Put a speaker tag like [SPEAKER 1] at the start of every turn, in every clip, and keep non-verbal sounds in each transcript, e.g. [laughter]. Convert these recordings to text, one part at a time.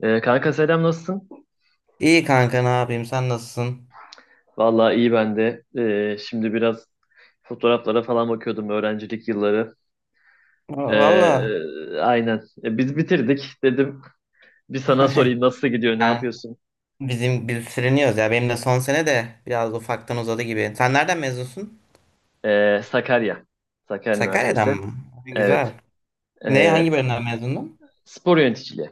[SPEAKER 1] Kanka selam nasılsın?
[SPEAKER 2] İyi kanka ne yapayım sen nasılsın?
[SPEAKER 1] Vallahi iyi ben de. Şimdi biraz fotoğraflara falan bakıyordum öğrencilik yılları. Ee,
[SPEAKER 2] Valla
[SPEAKER 1] aynen. Biz bitirdik dedim. Bir sana
[SPEAKER 2] [laughs]
[SPEAKER 1] sorayım nasıl gidiyor, ne
[SPEAKER 2] yani
[SPEAKER 1] yapıyorsun?
[SPEAKER 2] biz sürünüyoruz ya benim de son sene de biraz ufaktan uzadı gibi. Sen nereden mezunsun?
[SPEAKER 1] Sakarya. Sakarya
[SPEAKER 2] Sakarya'dan
[SPEAKER 1] Üniversitesi.
[SPEAKER 2] mı?
[SPEAKER 1] Evet.
[SPEAKER 2] Güzel. Ne
[SPEAKER 1] Ee,
[SPEAKER 2] hangi bölümden mezundun?
[SPEAKER 1] Spor yöneticiliği.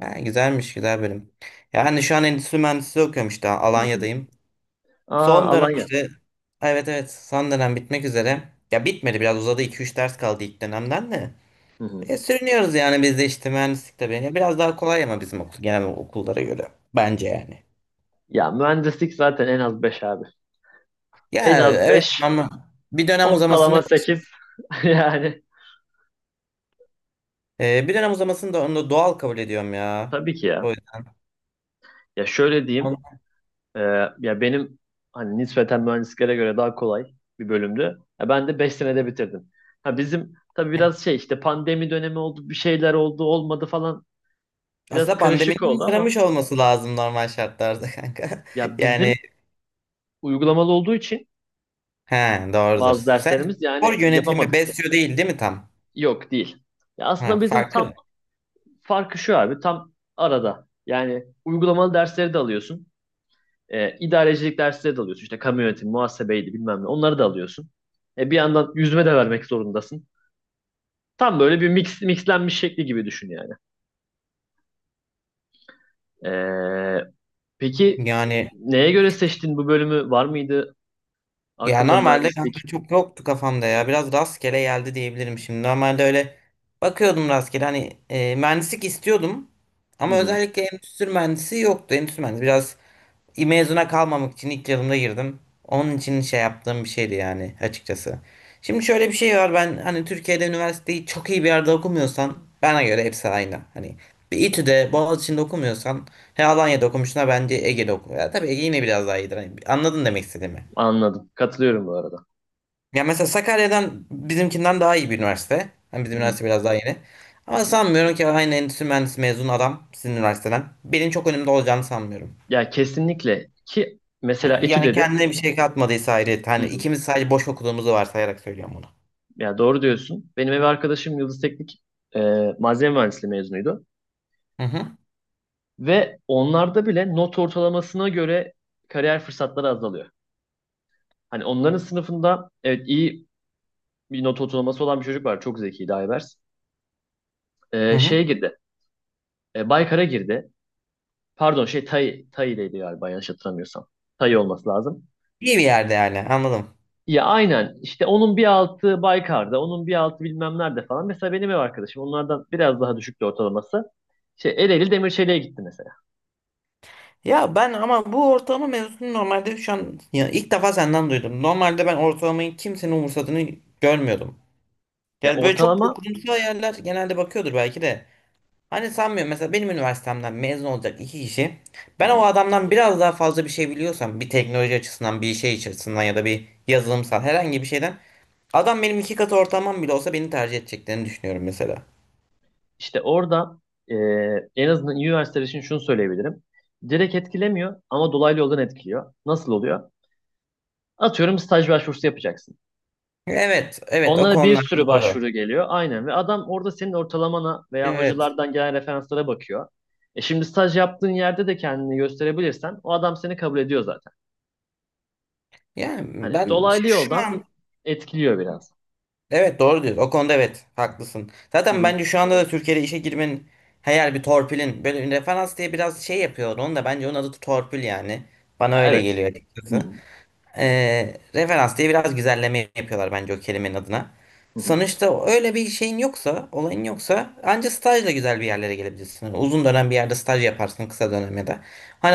[SPEAKER 2] Ha, güzelmiş güzel bölüm. Yani şu an endüstri mühendisliği okuyorum işte
[SPEAKER 1] Hı hı.
[SPEAKER 2] Alanya'dayım.
[SPEAKER 1] Aa,
[SPEAKER 2] Son dönem
[SPEAKER 1] Alanya.
[SPEAKER 2] işte evet evet son dönem bitmek üzere. Ya bitmedi biraz uzadı iki üç ders kaldı ilk dönemden de.
[SPEAKER 1] Hı hı.
[SPEAKER 2] Sürünüyoruz yani biz de işte mühendislik tabii. Ya biraz daha kolay ama bizim okul genel okullara göre bence yani.
[SPEAKER 1] Ya mühendislik zaten en az 5 abi.
[SPEAKER 2] Ya
[SPEAKER 1] En az
[SPEAKER 2] evet
[SPEAKER 1] 5.
[SPEAKER 2] ama bir dönem uzamasını
[SPEAKER 1] Ortalama 8. [laughs] Yani
[SPEAKER 2] bir dönem uzamasını da onu da doğal kabul ediyorum ya.
[SPEAKER 1] tabii ki ya.
[SPEAKER 2] O yüzden.
[SPEAKER 1] Ya şöyle
[SPEAKER 2] Onu-
[SPEAKER 1] diyeyim. Ee, Ya benim hani nispeten mühendislere göre daha kolay bir bölümdü. Ya ben de 5 senede bitirdim. Ha bizim tabii biraz şey işte pandemi dönemi oldu, bir şeyler oldu, olmadı falan biraz
[SPEAKER 2] Aslında
[SPEAKER 1] karışık
[SPEAKER 2] pandeminin
[SPEAKER 1] oldu ama
[SPEAKER 2] yaramış olması lazım normal şartlarda [laughs] kanka.
[SPEAKER 1] ya bizim
[SPEAKER 2] Yani
[SPEAKER 1] uygulamalı olduğu için
[SPEAKER 2] he doğrudur.
[SPEAKER 1] bazı
[SPEAKER 2] Sen
[SPEAKER 1] derslerimiz
[SPEAKER 2] spor
[SPEAKER 1] yani
[SPEAKER 2] yönetimi
[SPEAKER 1] yapamadık.
[SPEAKER 2] besliyor değil değil mi tam?
[SPEAKER 1] Yok değil. Ya
[SPEAKER 2] Ha,
[SPEAKER 1] aslında bizim tam
[SPEAKER 2] farkı.
[SPEAKER 1] farkı şu abi tam arada. Yani uygulamalı dersleri de alıyorsun. İdarecilik dersleri de alıyorsun. İşte kamu yönetimi, muhasebeydi bilmem ne. Onları da alıyorsun. Bir yandan yüzme de vermek zorundasın. Tam böyle bir mixlenmiş şekli gibi düşün yani. Ee,
[SPEAKER 2] Ne?
[SPEAKER 1] peki
[SPEAKER 2] Yani
[SPEAKER 1] neye göre seçtin bu bölümü? Var mıydı
[SPEAKER 2] ya
[SPEAKER 1] hakkında
[SPEAKER 2] normalde kanka
[SPEAKER 1] mühendislik?
[SPEAKER 2] çok yoktu kafamda ya. Biraz rastgele geldi diyebilirim şimdi. Normalde öyle bakıyordum rastgele. Hani mühendislik istiyordum.
[SPEAKER 1] Hı
[SPEAKER 2] Ama
[SPEAKER 1] hı,
[SPEAKER 2] özellikle endüstri mühendisi yoktu. Endüstri mühendisi biraz mezuna kalmamak için ilk yılımda girdim. Onun için şey yaptığım bir şeydi yani açıkçası. Şimdi şöyle bir şey var. Ben hani Türkiye'de üniversiteyi çok iyi bir yerde okumuyorsan bana göre hepsi aynı. Hani bir İTÜ'de, Boğaziçi'nde okumuyorsan he Alanya'da okumuşuna bence Ege'de oku. Ya tabii Ege yine biraz daha iyidir. Hani anladın demek istediğimi.
[SPEAKER 1] anladım. Katılıyorum bu arada.
[SPEAKER 2] Ya mesela Sakarya'dan bizimkinden daha iyi bir üniversite. Hani bizim
[SPEAKER 1] Hı hı,
[SPEAKER 2] üniversite biraz daha yeni.
[SPEAKER 1] hı
[SPEAKER 2] Ama
[SPEAKER 1] hı.
[SPEAKER 2] sanmıyorum ki aynı endüstri mühendisi mezun adam sizin üniversiteden. Benim çok önümde olacağını sanmıyorum.
[SPEAKER 1] Ya kesinlikle ki mesela etü
[SPEAKER 2] Yani
[SPEAKER 1] dedin.
[SPEAKER 2] kendine bir şey katmadıysa ayrı.
[SPEAKER 1] Hı
[SPEAKER 2] Hani
[SPEAKER 1] hı.
[SPEAKER 2] ikimiz sadece boş okuduğumuzu varsayarak söylüyorum bunu.
[SPEAKER 1] Ya doğru diyorsun. Benim ev arkadaşım Yıldız Teknik e, malzeme mühendisliği mezunuydu.
[SPEAKER 2] Hı hı.
[SPEAKER 1] Ve onlarda bile not ortalamasına göre kariyer fırsatları azalıyor. Hani onların sınıfında evet iyi bir not ortalaması olan bir çocuk var. Çok zekiydi Aybers.
[SPEAKER 2] Hı hı.
[SPEAKER 1] Şeye girdi. Baykar'a girdi. Pardon şey Tay'deydi galiba yanlış hatırlamıyorsam. Tay olması lazım.
[SPEAKER 2] İyi bir yerde yani anladım.
[SPEAKER 1] Ya aynen işte onun bir altı Baykar'da, onun bir altı bilmem nerede falan. Mesela benim ev arkadaşım onlardan biraz daha düşüktü ortalaması. Şey Ereğli Demirçeli'ye gitti mesela.
[SPEAKER 2] Ya ben ama bu ortalama mevzusunu normalde şu an ya ilk defa senden duydum. Normalde ben ortalamayı kimsenin umursadığını görmüyordum.
[SPEAKER 1] Ya
[SPEAKER 2] Yani böyle çok
[SPEAKER 1] ortalama
[SPEAKER 2] kurumsal yerler genelde bakıyordur belki de. Hani sanmıyorum mesela benim üniversitemden mezun olacak iki kişi,
[SPEAKER 1] hı
[SPEAKER 2] ben o
[SPEAKER 1] hı.
[SPEAKER 2] adamdan biraz daha fazla bir şey biliyorsam bir teknoloji açısından bir şey açısından ya da bir yazılımsal herhangi bir şeyden, adam benim iki katı ortamım bile olsa beni tercih edeceklerini düşünüyorum mesela.
[SPEAKER 1] işte orada e, en azından üniversiteler için şunu söyleyebilirim. Direkt etkilemiyor ama dolaylı yoldan etkiliyor. Nasıl oluyor? Atıyorum staj başvurusu yapacaksın.
[SPEAKER 2] Evet evet o
[SPEAKER 1] Onlara bir
[SPEAKER 2] konular
[SPEAKER 1] sürü
[SPEAKER 2] doğru.
[SPEAKER 1] başvuru geliyor. Aynen ve adam orada senin ortalamana veya
[SPEAKER 2] Evet
[SPEAKER 1] hocalardan gelen referanslara bakıyor. Şimdi staj yaptığın yerde de kendini gösterebilirsen o adam seni kabul ediyor zaten.
[SPEAKER 2] yani
[SPEAKER 1] Hani
[SPEAKER 2] ben
[SPEAKER 1] dolaylı
[SPEAKER 2] şu
[SPEAKER 1] yoldan
[SPEAKER 2] an
[SPEAKER 1] etkiliyor biraz.
[SPEAKER 2] evet doğru diyorsun o konuda evet haklısın.
[SPEAKER 1] Hı
[SPEAKER 2] Zaten
[SPEAKER 1] hı.
[SPEAKER 2] bence şu anda da Türkiye'de işe girmenin her bir torpilin böyle referans diye biraz şey yapıyor onu da bence onun adı torpil yani bana
[SPEAKER 1] Ya
[SPEAKER 2] öyle
[SPEAKER 1] evet.
[SPEAKER 2] geliyor
[SPEAKER 1] Hı
[SPEAKER 2] açıkçası.
[SPEAKER 1] hı.
[SPEAKER 2] Referans diye biraz güzelleme yapıyorlar bence o kelimenin adına.
[SPEAKER 1] Hı hı.
[SPEAKER 2] Sonuçta öyle bir şeyin yoksa, olayın yoksa anca stajla güzel bir yerlere gelebilirsin. Yani uzun dönem bir yerde staj yaparsın kısa dönemde de.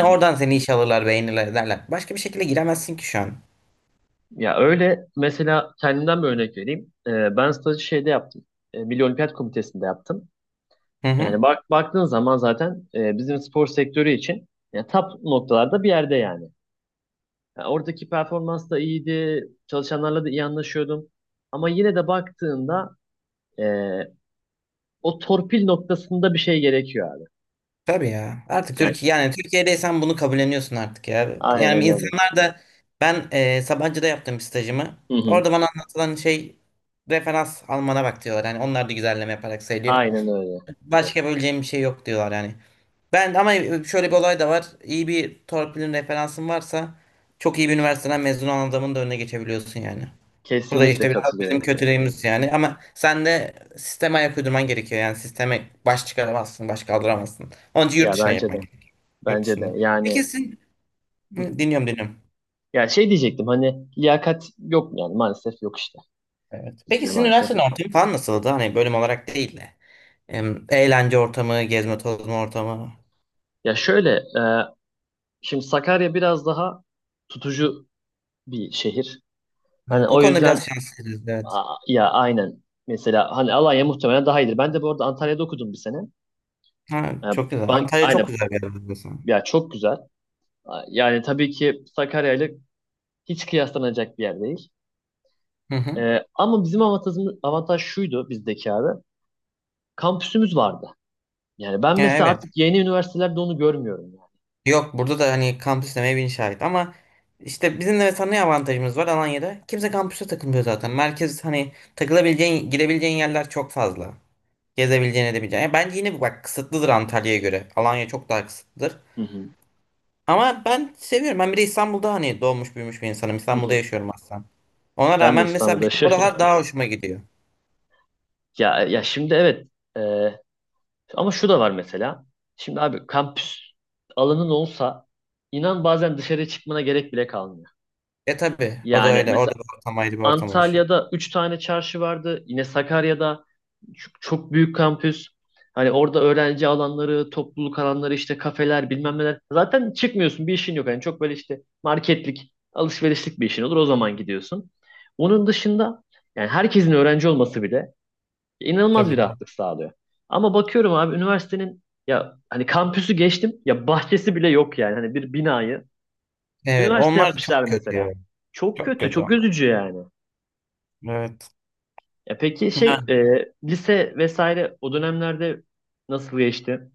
[SPEAKER 1] Hı hı.
[SPEAKER 2] oradan seni işe alırlar, beğenirler ederler. Başka bir şekilde giremezsin ki şu an.
[SPEAKER 1] Ya öyle mesela kendimden bir örnek vereyim. Ben stajı şeyde yaptım. Milli Olimpiyat Komitesi'nde yaptım.
[SPEAKER 2] Hı hı.
[SPEAKER 1] Yani bak baktığın zaman zaten bizim spor sektörü için ya, top noktalarda bir yerde yani. Yani oradaki performans da iyiydi. Çalışanlarla da iyi anlaşıyordum. Ama yine de baktığında eee, o torpil noktasında bir şey gerekiyor abi.
[SPEAKER 2] Tabii ya. Artık
[SPEAKER 1] Yani
[SPEAKER 2] Türkiye yani Türkiye'deysen bunu kabulleniyorsun artık ya. Yani
[SPEAKER 1] aynen öyle.
[SPEAKER 2] insanlar da ben Sabancı'da yaptığım bir stajımı.
[SPEAKER 1] Hı hı.
[SPEAKER 2] Orada bana anlatılan şey, referans almana bak diyorlar. Yani onlar da güzelleme yaparak söylüyor.
[SPEAKER 1] Aynen öyle.
[SPEAKER 2] Başka yapabileceğim bir şey yok diyorlar yani. Ben ama şöyle bir olay da var. İyi bir torpilin referansın varsa çok iyi bir üniversiteden mezun olan adamın da önüne geçebiliyorsun yani. Bu da
[SPEAKER 1] Kesinlikle
[SPEAKER 2] işte biraz bizim
[SPEAKER 1] katılıyorum.
[SPEAKER 2] kötülüğümüz yani. Ama sen de sisteme ayak uydurman gerekiyor. Yani sisteme baş çıkaramazsın, baş kaldıramazsın. Onun için yurt
[SPEAKER 1] Ya
[SPEAKER 2] dışına
[SPEAKER 1] bence
[SPEAKER 2] yapman
[SPEAKER 1] de.
[SPEAKER 2] gerekiyor. Yurt
[SPEAKER 1] Bence de.
[SPEAKER 2] dışında.
[SPEAKER 1] Yani
[SPEAKER 2] Peki sizin...
[SPEAKER 1] hı.
[SPEAKER 2] Hı, dinliyorum, dinliyorum.
[SPEAKER 1] Ya şey diyecektim hani liyakat yok mu yani maalesef yok işte.
[SPEAKER 2] Evet. Peki
[SPEAKER 1] Bizde
[SPEAKER 2] sizin
[SPEAKER 1] maalesef
[SPEAKER 2] üniversitenin
[SPEAKER 1] yok.
[SPEAKER 2] ortamı falan nasıldı? Hani bölüm olarak değil de. Eğlence ortamı, gezme tozma ortamı.
[SPEAKER 1] Ya şöyle e, şimdi Sakarya biraz daha tutucu bir şehir. Hani
[SPEAKER 2] Evet, o
[SPEAKER 1] o
[SPEAKER 2] konuda
[SPEAKER 1] yüzden
[SPEAKER 2] biraz şanslıyız. Evet.
[SPEAKER 1] Ya aynen. Mesela hani Alanya muhtemelen daha iyidir. Ben de bu arada Antalya'da okudum bir sene.
[SPEAKER 2] Ha,
[SPEAKER 1] Ya,
[SPEAKER 2] çok güzel. Antalya çok
[SPEAKER 1] aynen.
[SPEAKER 2] güzel bir yer biliyorsun.
[SPEAKER 1] Ya çok güzel. Yani tabii ki Sakarya ile hiç kıyaslanacak bir yer değil.
[SPEAKER 2] Hı hı.
[SPEAKER 1] Ama bizim avantajımız, avantaj şuydu bizdeki abi. Kampüsümüz vardı. Yani ben
[SPEAKER 2] Ya
[SPEAKER 1] mesela
[SPEAKER 2] evet.
[SPEAKER 1] artık yeni üniversitelerde onu görmüyorum.
[SPEAKER 2] Yok burada da hani kampüs demeye bin şahit ama işte bizim de mesela ne avantajımız var Alanya'da? Kimse kampüse takılmıyor zaten. Merkez hani takılabileceğin, girebileceğin yerler çok fazla. Gezebileceğin, edebileceğin. Ya bence yine bak kısıtlıdır Antalya'ya göre. Alanya çok daha kısıtlıdır.
[SPEAKER 1] Yani. Hı hı.
[SPEAKER 2] Ama ben seviyorum. Ben bir de İstanbul'da hani doğmuş büyümüş bir insanım.
[SPEAKER 1] Hı
[SPEAKER 2] İstanbul'da
[SPEAKER 1] hı.
[SPEAKER 2] yaşıyorum aslında. Ona
[SPEAKER 1] Ben de
[SPEAKER 2] rağmen mesela
[SPEAKER 1] İstanbul'da
[SPEAKER 2] benim
[SPEAKER 1] yaşıyorum.
[SPEAKER 2] buralar
[SPEAKER 1] [laughs]
[SPEAKER 2] daha hoşuma gidiyor.
[SPEAKER 1] Ya şimdi evet. Ee, Ama şu da var mesela. Şimdi abi kampüs alanın olsa inan bazen dışarı çıkmana gerek bile kalmıyor.
[SPEAKER 2] E tabii o da
[SPEAKER 1] Yani
[SPEAKER 2] öyle.
[SPEAKER 1] mesela
[SPEAKER 2] Orada bir ortam ayrı bir ortam oluşuyor.
[SPEAKER 1] Antalya'da 3 tane çarşı vardı. Yine Sakarya'da çok, çok büyük kampüs. Hani orada öğrenci alanları, topluluk alanları, işte kafeler, bilmem neler. Zaten çıkmıyorsun, bir işin yok. Yani çok böyle işte marketlik, alışverişlik bir işin olur. O zaman gidiyorsun. Onun dışında yani herkesin öğrenci olması bile inanılmaz
[SPEAKER 2] Tabii.
[SPEAKER 1] bir rahatlık sağlıyor. Ama bakıyorum abi üniversitenin ya hani kampüsü geçtim ya bahçesi bile yok yani. Hani bir binayı
[SPEAKER 2] Evet,
[SPEAKER 1] üniversite
[SPEAKER 2] onlar da
[SPEAKER 1] yapmışlar
[SPEAKER 2] çok kötü
[SPEAKER 1] mesela.
[SPEAKER 2] ya.
[SPEAKER 1] Çok
[SPEAKER 2] Çok
[SPEAKER 1] kötü,
[SPEAKER 2] kötü
[SPEAKER 1] çok
[SPEAKER 2] onlar.
[SPEAKER 1] üzücü yani.
[SPEAKER 2] Evet.
[SPEAKER 1] Ya peki
[SPEAKER 2] Ya,
[SPEAKER 1] lise vesaire o dönemlerde nasıl geçti?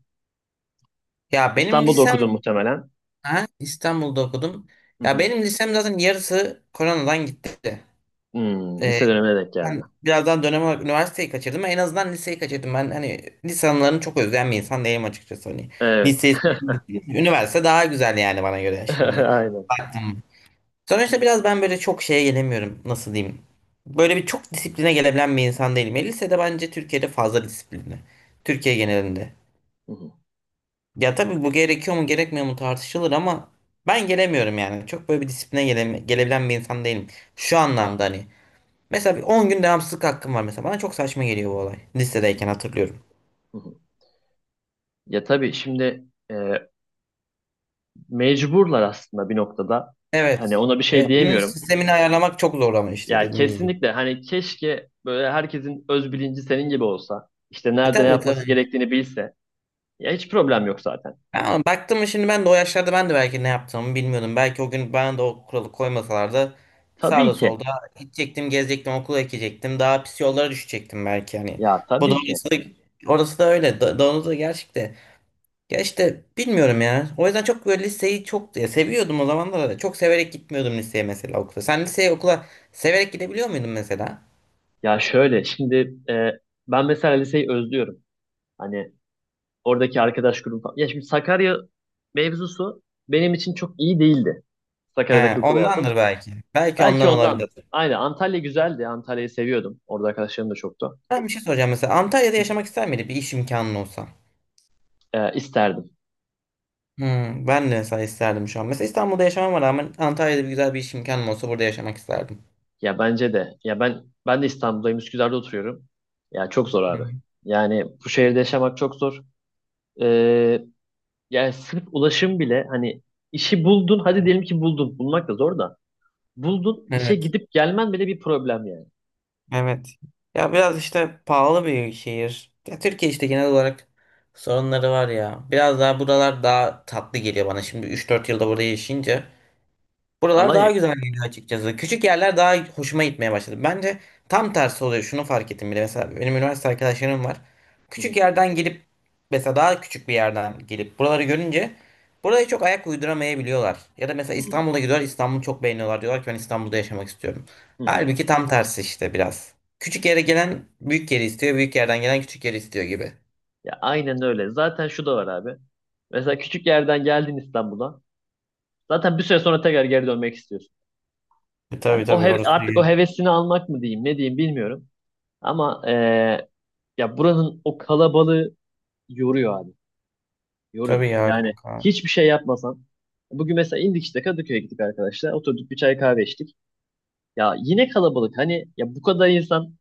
[SPEAKER 2] ya benim
[SPEAKER 1] İstanbul'da okudun
[SPEAKER 2] lisem
[SPEAKER 1] muhtemelen.
[SPEAKER 2] ha, İstanbul'da okudum.
[SPEAKER 1] Hı
[SPEAKER 2] Ya
[SPEAKER 1] hı.
[SPEAKER 2] benim lisem zaten yarısı koronadan gitti.
[SPEAKER 1] Hmm,
[SPEAKER 2] Ee,
[SPEAKER 1] lise dönemine denk geldi.
[SPEAKER 2] ben birazdan dönem olarak üniversiteyi kaçırdım. En azından liseyi kaçırdım. Ben hani lise anılarını çok özleyen bir insan değilim açıkçası. Hani
[SPEAKER 1] Evet.
[SPEAKER 2] liseyi, üniversite daha güzel yani bana göre
[SPEAKER 1] [laughs]
[SPEAKER 2] şimdi.
[SPEAKER 1] Aynen.
[SPEAKER 2] Baktım. Sonuçta biraz ben böyle çok şeye gelemiyorum. Nasıl diyeyim? Böyle bir çok disipline gelebilen bir insan değilim. Ya, lisede bence Türkiye'de fazla disiplinli. Türkiye genelinde.
[SPEAKER 1] Hı hı,
[SPEAKER 2] Ya tabii bu gerekiyor mu gerekmiyor mu tartışılır ama ben gelemiyorum yani. Çok böyle bir disipline gelebilen bir insan değilim. Şu anlamda hani. Mesela bir 10 gün devamsızlık hakkım var mesela. Bana çok saçma geliyor bu olay. Lisedeyken
[SPEAKER 1] hı hı,
[SPEAKER 2] hatırlıyorum.
[SPEAKER 1] hı hı. Ya tabii şimdi e, mecburlar aslında bir noktada. Hani
[SPEAKER 2] Evet.
[SPEAKER 1] ona bir şey
[SPEAKER 2] Evet. Bunun
[SPEAKER 1] diyemiyorum.
[SPEAKER 2] sistemini ayarlamak çok zor ama işte
[SPEAKER 1] Ya
[SPEAKER 2] dediğiniz gibi.
[SPEAKER 1] kesinlikle hani keşke böyle herkesin öz bilinci senin gibi olsa. İşte
[SPEAKER 2] E
[SPEAKER 1] nerede ne
[SPEAKER 2] tabii
[SPEAKER 1] yapması
[SPEAKER 2] tabii.
[SPEAKER 1] gerektiğini bilse. Ya hiç problem yok zaten.
[SPEAKER 2] Ama baktım mı şimdi ben de o yaşlarda ben de belki ne yaptığımı bilmiyordum. Belki o gün bana da o kuralı koymasalardı
[SPEAKER 1] Tabii
[SPEAKER 2] sağda
[SPEAKER 1] ki.
[SPEAKER 2] solda gidecektim, gezecektim, okula gidecektim. Daha pis yollara düşecektim belki hani.
[SPEAKER 1] Ya
[SPEAKER 2] Bu da
[SPEAKER 1] tabii ki.
[SPEAKER 2] orası da öyle. Da, doğrusu da gerçekte. Ya işte bilmiyorum ya. O yüzden çok böyle liseyi çok ya seviyordum o zamanlarda da. Çok severek gitmiyordum liseye mesela okula. Sen liseye okula severek gidebiliyor muydun mesela?
[SPEAKER 1] Ya şöyle şimdi ben mesela liseyi özlüyorum. Hani oradaki arkadaş grubu falan. Ya şimdi Sakarya mevzusu benim için çok iyi değildi. Sakarya'daki
[SPEAKER 2] He,
[SPEAKER 1] okul hayatım.
[SPEAKER 2] ondandır belki. Belki
[SPEAKER 1] Belki
[SPEAKER 2] ondan olabilir.
[SPEAKER 1] ondandır. Aynen Antalya güzeldi. Antalya'yı seviyordum. Orada arkadaşlarım da çoktu.
[SPEAKER 2] Ben bir şey soracağım mesela. Antalya'da yaşamak ister miydin bir iş imkanın olsa?
[SPEAKER 1] İsterdim.
[SPEAKER 2] Hmm, ben de mesela isterdim şu an. Mesela İstanbul'da yaşamama rağmen Antalya'da bir güzel bir iş imkanım olsa burada yaşamak isterdim.
[SPEAKER 1] Ya bence de. Ya ben de İstanbul'dayım. Üsküdar'da oturuyorum. Ya çok zor
[SPEAKER 2] Hı
[SPEAKER 1] abi.
[SPEAKER 2] hı.
[SPEAKER 1] Yani bu şehirde yaşamak çok zor. E, Yani sırf ulaşım bile hani işi buldun. Hadi diyelim ki buldun. Bulmak da zor da. Buldun işe
[SPEAKER 2] Evet,
[SPEAKER 1] gidip gelmen bile bir problem yani.
[SPEAKER 2] evet. Ya biraz işte pahalı bir şehir. Ya Türkiye işte genel olarak sorunları var ya. Biraz daha buralar daha tatlı geliyor bana. Şimdi 3-4 yılda burada yaşayınca buralar daha
[SPEAKER 1] Alanya.
[SPEAKER 2] güzel geliyor açıkçası. Küçük yerler daha hoşuma gitmeye başladı. Bence tam tersi oluyor. Şunu fark ettim bile. Mesela benim üniversite arkadaşlarım var.
[SPEAKER 1] Hı
[SPEAKER 2] Küçük
[SPEAKER 1] hı,
[SPEAKER 2] yerden gelip mesela daha küçük bir yerden gelip buraları görünce buraya çok ayak uyduramayabiliyorlar. Ya da mesela
[SPEAKER 1] hı hı,
[SPEAKER 2] İstanbul'a gidiyorlar. İstanbul'u çok beğeniyorlar. Diyorlar ki ben İstanbul'da yaşamak istiyorum.
[SPEAKER 1] hı hı.
[SPEAKER 2] Halbuki tam tersi işte biraz. Küçük yere gelen büyük yeri istiyor. Büyük yerden gelen küçük yeri istiyor gibi.
[SPEAKER 1] Ya aynen öyle. Zaten şu da var abi. Mesela küçük yerden geldin İstanbul'a. Zaten bir süre sonra tekrar geri dönmek istiyorsun.
[SPEAKER 2] E,
[SPEAKER 1] Hani
[SPEAKER 2] tabii tabii orası
[SPEAKER 1] artık o
[SPEAKER 2] değil.
[SPEAKER 1] hevesini almak mı diyeyim, ne diyeyim bilmiyorum. Ama ya buranın o kalabalığı yoruyor abi. Yoruyor.
[SPEAKER 2] Tabii ya
[SPEAKER 1] Yani
[SPEAKER 2] kanka.
[SPEAKER 1] hiçbir şey yapmasan. Bugün mesela indik işte Kadıköy'e gittik arkadaşlar. Oturduk bir çay kahve içtik. Ya yine kalabalık. Hani ya bu kadar insan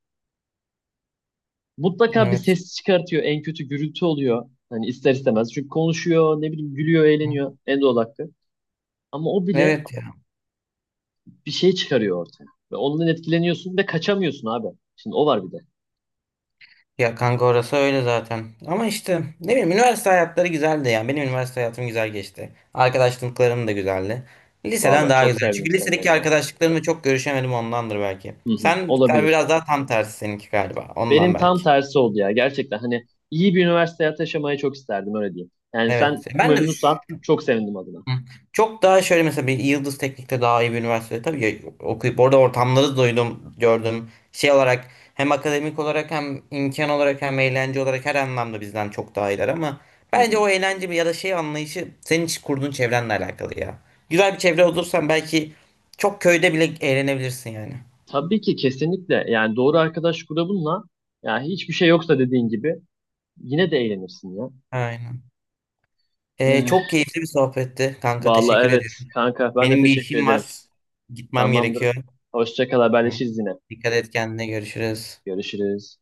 [SPEAKER 1] mutlaka bir
[SPEAKER 2] Evet.
[SPEAKER 1] ses çıkartıyor. En kötü gürültü oluyor. Hani ister istemez. Çünkü konuşuyor, ne bileyim gülüyor, eğleniyor. En doğal hakkı. Ama o bile
[SPEAKER 2] Evet.
[SPEAKER 1] bir şey çıkarıyor ortaya. Ve ondan etkileniyorsun ve kaçamıyorsun abi. Şimdi o var bir de.
[SPEAKER 2] Ya kanka orası öyle zaten. Ama işte ne bileyim üniversite hayatları güzeldi ya. Benim üniversite hayatım güzel geçti. Arkadaşlıklarım da güzeldi. Liseden
[SPEAKER 1] Valla
[SPEAKER 2] daha
[SPEAKER 1] çok
[SPEAKER 2] güzel.
[SPEAKER 1] sevdim
[SPEAKER 2] Çünkü
[SPEAKER 1] senin
[SPEAKER 2] lisedeki
[SPEAKER 1] adına.
[SPEAKER 2] arkadaşlıklarımla çok görüşemedim ondandır belki.
[SPEAKER 1] Hı hı,
[SPEAKER 2] Sen
[SPEAKER 1] olabilir.
[SPEAKER 2] biraz daha tam tersi seninki galiba. Ondan
[SPEAKER 1] Benim tam
[SPEAKER 2] belki.
[SPEAKER 1] tersi oldu ya. Gerçekten hani iyi bir üniversite hayatı yaşamayı çok isterdim öyle diyeyim. Yani sen
[SPEAKER 2] Evet.
[SPEAKER 1] memnunsan çok sevindim adına.
[SPEAKER 2] Hı. Çok daha şöyle mesela bir Yıldız Teknik'te daha iyi bir üniversitede tabii ya, okuyup orada ortamları duydum, gördüm. Şey olarak hem akademik olarak hem imkan olarak hem eğlence olarak her anlamda bizden çok daha iyiler ama
[SPEAKER 1] Hı
[SPEAKER 2] bence
[SPEAKER 1] hı.
[SPEAKER 2] o eğlence ya da şey anlayışı senin hiç kurduğun çevrenle alakalı ya. Güzel bir çevre olursan belki çok köyde bile eğlenebilirsin yani.
[SPEAKER 1] Tabii ki kesinlikle. Yani doğru arkadaş grubunla ya hiçbir şey yoksa dediğin gibi yine de eğlenirsin ya.
[SPEAKER 2] Aynen. Çok
[SPEAKER 1] Ee,
[SPEAKER 2] keyifli bir sohbetti kanka
[SPEAKER 1] Vallahi
[SPEAKER 2] teşekkür
[SPEAKER 1] evet
[SPEAKER 2] ediyorum.
[SPEAKER 1] kanka ben de
[SPEAKER 2] Benim bir
[SPEAKER 1] teşekkür
[SPEAKER 2] işim var.
[SPEAKER 1] ederim.
[SPEAKER 2] Gitmem
[SPEAKER 1] Tamamdır.
[SPEAKER 2] gerekiyor.
[SPEAKER 1] Hoşça kal
[SPEAKER 2] Hı.
[SPEAKER 1] haberleşiriz yine.
[SPEAKER 2] Dikkat et kendine görüşürüz.
[SPEAKER 1] Görüşürüz.